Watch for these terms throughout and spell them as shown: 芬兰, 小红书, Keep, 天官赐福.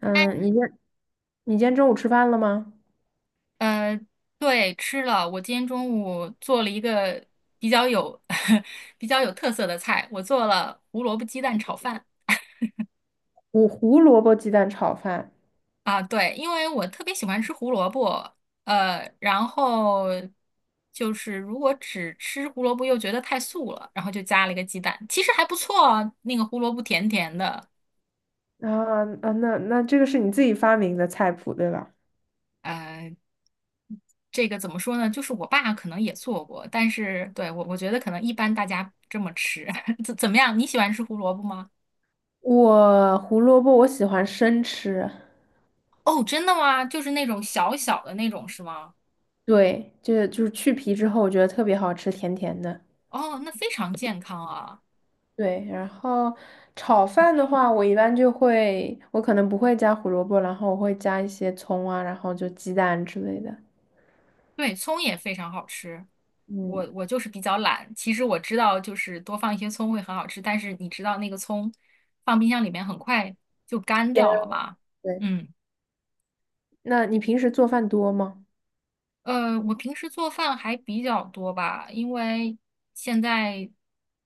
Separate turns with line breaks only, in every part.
嗯，你今你今天中午吃饭了吗？
呃，对，吃了。我今天中午做了一个比较有 比较有特色的菜，我做了胡萝卜鸡蛋炒饭
我胡萝卜鸡蛋炒饭
啊。对，因为我特别喜欢吃胡萝卜，然后就是如果只吃胡萝卜又觉得太素了，然后就加了一个鸡蛋，其实还不错啊，那个胡萝卜甜甜的。
啊啊，那这个是你自己发明的菜谱对吧？
呃，这个怎么说呢？就是我爸可能也做过，但是对我，我觉得可能一般大家不这么吃。怎么样？你喜欢吃胡萝卜吗？
我胡萝卜我喜欢生吃，
哦，真的吗？就是那种小小的那种是吗？
对，就是去皮之后我觉得特别好吃，甜甜的。
哦，那非常健康啊。
对，然后炒饭的话，我一般就会，我可能不会加胡萝卜，然后我会加一些葱啊，然后就鸡蛋之类的。
对，葱也非常好吃。
嗯，
我就是比较懒，其实我知道就是多放一些葱会很好吃，但是你知道那个葱放冰箱里面很快就干掉了嘛。
对，
嗯，
那你平时做饭多吗？
我平时做饭还比较多吧，因为现在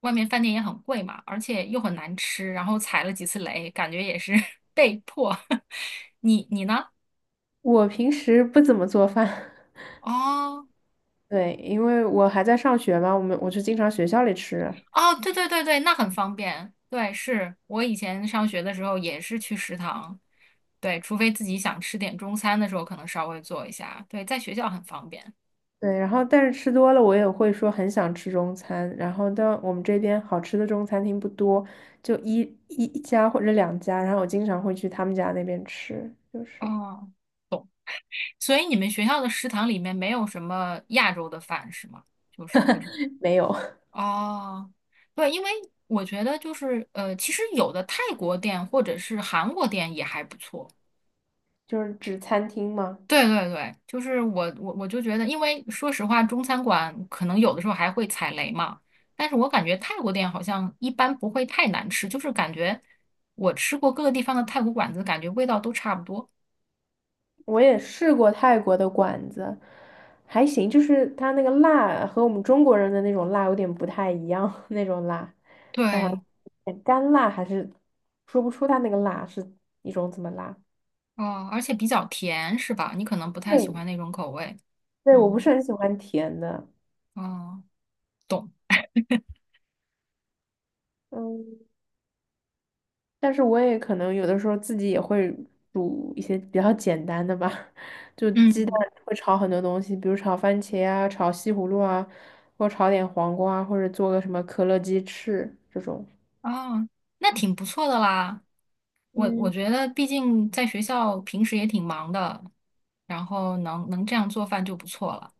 外面饭店也很贵嘛，而且又很难吃，然后踩了几次雷，感觉也是 被迫。你呢？
我平时不怎么做饭。
哦。
对，因为我还在上学嘛，我就经常学校里吃。
哦，对对对对，那很方便。对，是我以前上学的时候也是去食堂，对，除非自己想吃点中餐的时候，可能稍微做一下。对，在学校很方便。
对，然后但是吃多了，我也会说很想吃中餐。然后但我们这边好吃的中餐厅不多，就一家或者两家。然后我经常会去他们家那边吃，就是
哦，所以你们学校的食堂里面没有什么亚洲的饭是吗？就是，
没有，
哦，对，因为我觉得就是其实有的泰国店或者是韩国店也还不错。
就是指餐厅嘛。
对对对，就是我就觉得，因为说实话，中餐馆可能有的时候还会踩雷嘛，但是我感觉泰国店好像一般不会太难吃，就是感觉我吃过各个地方的泰国馆子，感觉味道都差不多。
我也试过泰国的馆子，还行，就是它那个辣和我们中国人的那种辣有点不太一样，那种辣，它好
对，
像有点干辣，还是说不出它那个辣是一种怎么辣。
哦，而且比较甜，是吧？你可能不太喜
对，
欢那种口味。
对，我不
嗯，
是很喜欢甜的。
哦，懂。
嗯，但是我也可能有的时候自己也会煮一些比较简单的吧。就鸡蛋
嗯，
会炒很多东西，比如炒番茄啊，炒西葫芦啊，或炒点黄瓜，或者做个什么可乐鸡翅这种。
啊，那挺不错的啦。我
嗯，
觉得，毕竟在学校平时也挺忙的，然后能这样做饭就不错了。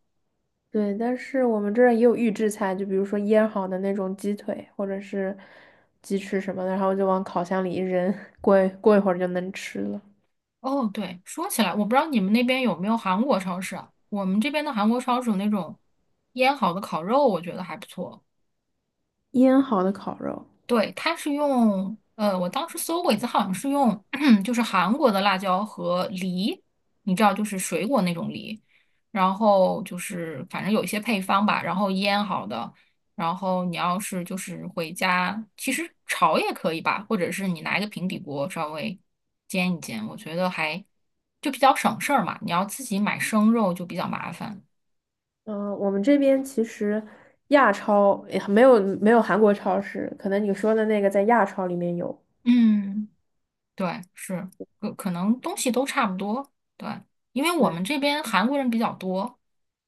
对，但是我们这儿也有预制菜，就比如说腌好的那种鸡腿或者是鸡翅什么的，然后就往烤箱里一扔，过一会儿就能吃了。
哦，对，说起来，我不知道你们那边有没有韩国超市啊？我们这边的韩国超市有那种腌好的烤肉，我觉得还不错。
腌好的烤肉，
对，它是用，我当时搜过一次，好像是用 就是韩国的辣椒和梨，你知道，就是水果那种梨，然后就是反正有一些配方吧，然后腌好的，然后你要是就是回家，其实炒也可以吧，或者是你拿一个平底锅稍微煎一煎，我觉得还就比较省事儿嘛，你要自己买生肉就比较麻烦，
嗯、我们这边其实亚超也没有韩国超市，可能你说的那个在亚超里面有。
嗯。对，是，可能东西都差不多。对，因为我
对，
们这边韩国人比较多，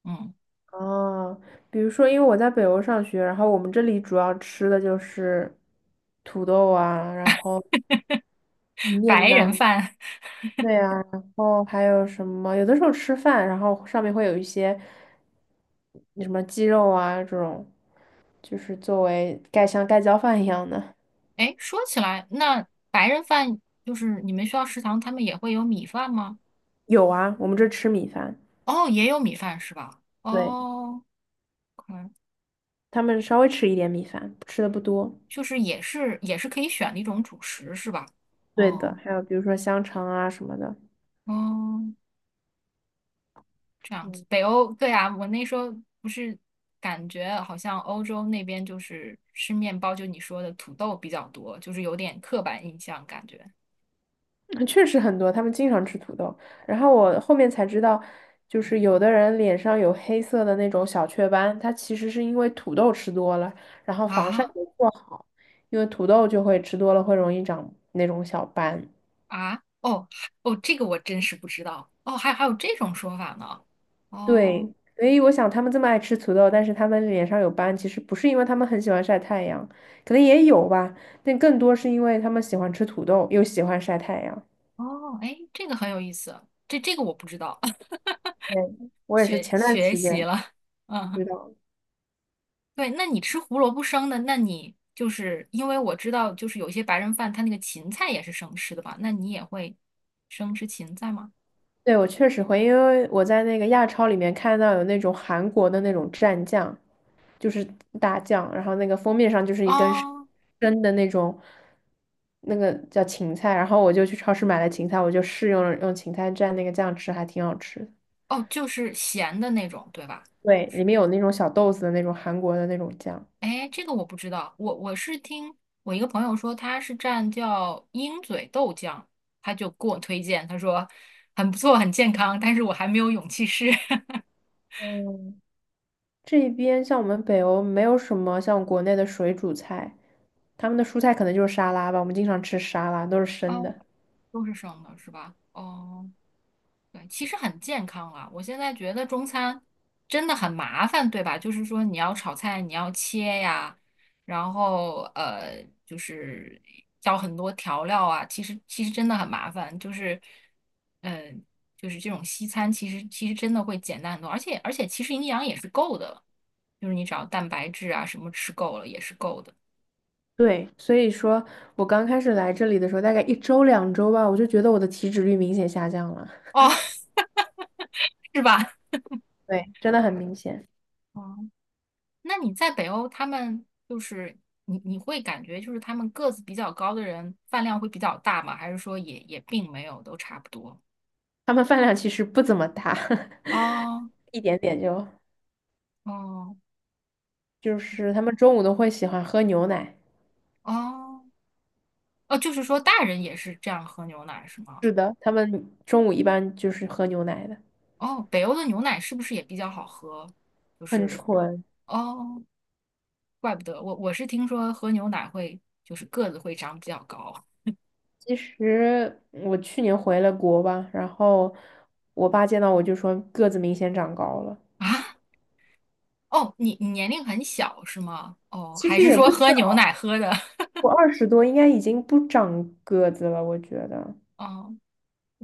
嗯，
哦，比如说，因为我在北欧上学，然后我们这里主要吃的就是土豆啊，然后意面
白人
呐。
饭。
对呀，然后还有什么？有的时候吃饭，然后上面会有一些什么鸡肉啊，这种就是作为盖像盖浇饭一样的。
哎，说起来，那白人饭就是你们学校食堂他们也会有米饭吗？
有啊，我们这吃米饭，
哦，也有米饭是吧？
对，
哦，可能
他们稍微吃一点米饭，吃的不多。
就是也是可以选的一种主食是吧？
对的，
哦
还有比如说香肠啊什么的。
哦，这样子，北欧，对啊，我那时候不是，感觉好像欧洲那边就是吃面包，就你说的土豆比较多，就是有点刻板印象感觉。
确实很多，他们经常吃土豆。然后我后面才知道，就是有的人脸上有黑色的那种小雀斑，它其实是因为土豆吃多了，然后防晒
啊
没做好，因为土豆就会吃多了会容易长那种小斑。
啊，哦哦，这个我真是不知道哦，还有这种说法呢。哦
对，所以我想他们这么爱吃土豆，但是他们脸上有斑，其实不是因为他们很喜欢晒太阳，可能也有吧，但更多是因为他们喜欢吃土豆，又喜欢晒太阳。
哦，哎，这个很有意思，这个我不知道。
对，我也是
学
前段
学
时
习
间
了，嗯。
知道。
对，那你吃胡萝卜生的，那你就是因为我知道，就是有些白人饭他那个芹菜也是生吃的吧？那你也会生吃芹菜吗？
对，我确实会，因为我在那个亚超里面看到有那种韩国的那种蘸酱，就是大酱，然后那个封面上就是一根生
啊，
生的那种，那个叫芹菜，然后我就去超市买了芹菜，我就试用了用芹菜蘸那个酱吃，还挺好吃的。
哦，就是咸的那种，对吧？就
对，里面
是，
有那种小豆子的那种韩国的那种酱。
哎，这个我不知道，我是听我一个朋友说，他是蘸叫鹰嘴豆酱，他就给我推荐，他说很不错，很健康，但是我还没有勇气试。
嗯，这边像我们北欧没有什么像国内的水煮菜，他们的蔬菜可能就是沙拉吧，我们经常吃沙拉，都是生
哦，
的。
都是生的，是吧？哦。对，其实很健康啊！我现在觉得中餐真的很麻烦，对吧？就是说你要炒菜，你要切呀，然后就是要很多调料啊。其实真的很麻烦，就是嗯，就是这种西餐，其实真的会简单很多，而且其实营养也是够的，就是你只要蛋白质啊什么吃够了也是够的。
对，所以说我刚开始来这里的时候，大概一周两周吧，我就觉得我的体脂率明显下降了。
哦，是吧？
对，真的很明显。
那你在北欧，他们就是你会感觉就是他们个子比较高的人饭量会比较大吗？还是说也并没有，都差不多？
他们饭量其实不怎么大。
哦
一点点就，
哦
就是他们中午都会喜欢喝牛奶。
哦哦，就是说大人也是这样喝牛奶是吗？
是的，他们中午一般就是喝牛奶的，
哦，北欧的牛奶是不是也比较好喝？就
很
是
纯。
哦，怪不得我是听说喝牛奶会就是个子会长比较高
其实我去年回了国吧，然后我爸见到我就说个子明显长高了。
啊。哦，你年龄很小是吗？哦，
其
还
实
是
也
说
不是，
喝牛奶喝的？
我20多应该已经不长个子了，我觉得。
哦。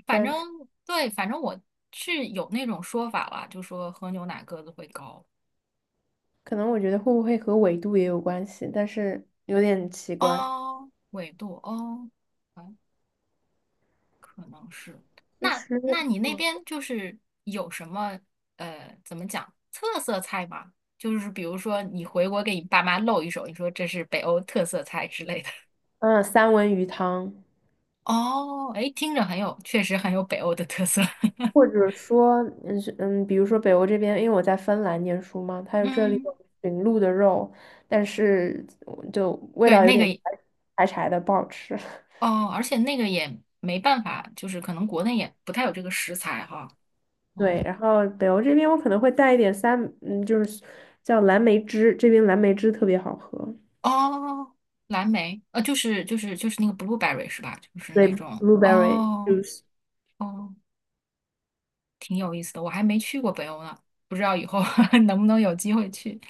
反
但
正
是。
对，反正我是有那种说法啦，就说喝牛奶个子会高。
可能我觉得会不会和纬度也有关系，但是有点奇怪。
哦，纬度哦，哎，可能是。
其
那
实，
那你那
嗯，
边就是有什么怎么讲特色菜吗？就是比如说你回国给你爸妈露一手，你说这是北欧特色菜之类的。
嗯，三文鱼汤。
哦，哎，听着很有，确实很有北欧的特色。
或者说，比如说北欧这边，因为我在芬兰念书嘛，它 有这里
嗯，
有驯鹿的肉，但是就味
对，
道有
那
点
个也，
柴柴的，不好吃。
哦，而且那个也没办法，就是可能国内也不太有这个食材哈。哦，
对，然后北欧这边我可能会带一点就是叫蓝莓汁，这边蓝莓汁特别好喝，
哦，蓝莓，就是那个 blueberry 是吧？就是
对
那种，
，blueberry
哦
juice。
哦，挺有意思的，我还没去过北欧呢，不知道以后 能不能有机会去。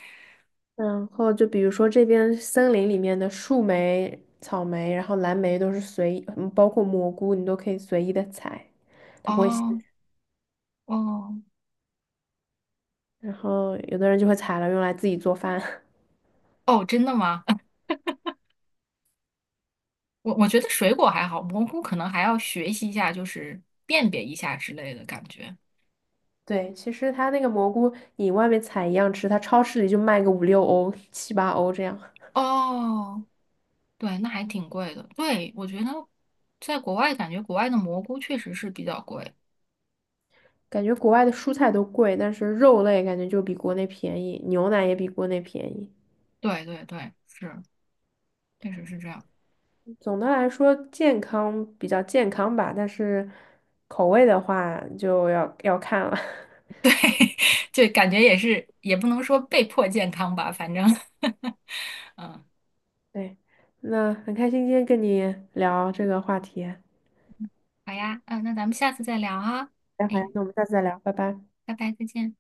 然后就比如说这边森林里面的树莓、草莓，然后蓝莓都是随意包括蘑菇，你都可以随意的采，它不会限。
哦哦
然后有的人就会采了用来自己做饭。
哦，真的吗？我觉得水果还好，蘑菇可能还要学习一下，就是辨别一下之类的感觉。
对，其实它那个蘑菇你外面采一样吃，它超市里就卖个五六欧、七八欧这样。
哦，对，那还挺贵的。对，我觉得在国外感觉国外的蘑菇确实是比较贵。
感觉国外的蔬菜都贵，但是肉类感觉就比国内便宜，牛奶也比国内便宜。
对对对，是，确实是这样。
总的来说，健康比较健康吧，但是口味的话就要看了。
对，就感觉也是，也不能说被迫健康吧，反正，嗯，
对，那很开心今天跟你聊这个话题。
好呀，嗯，那咱们下次再聊啊，
那好呀，
哎，
那我们下次再聊，拜拜。
拜拜，再见。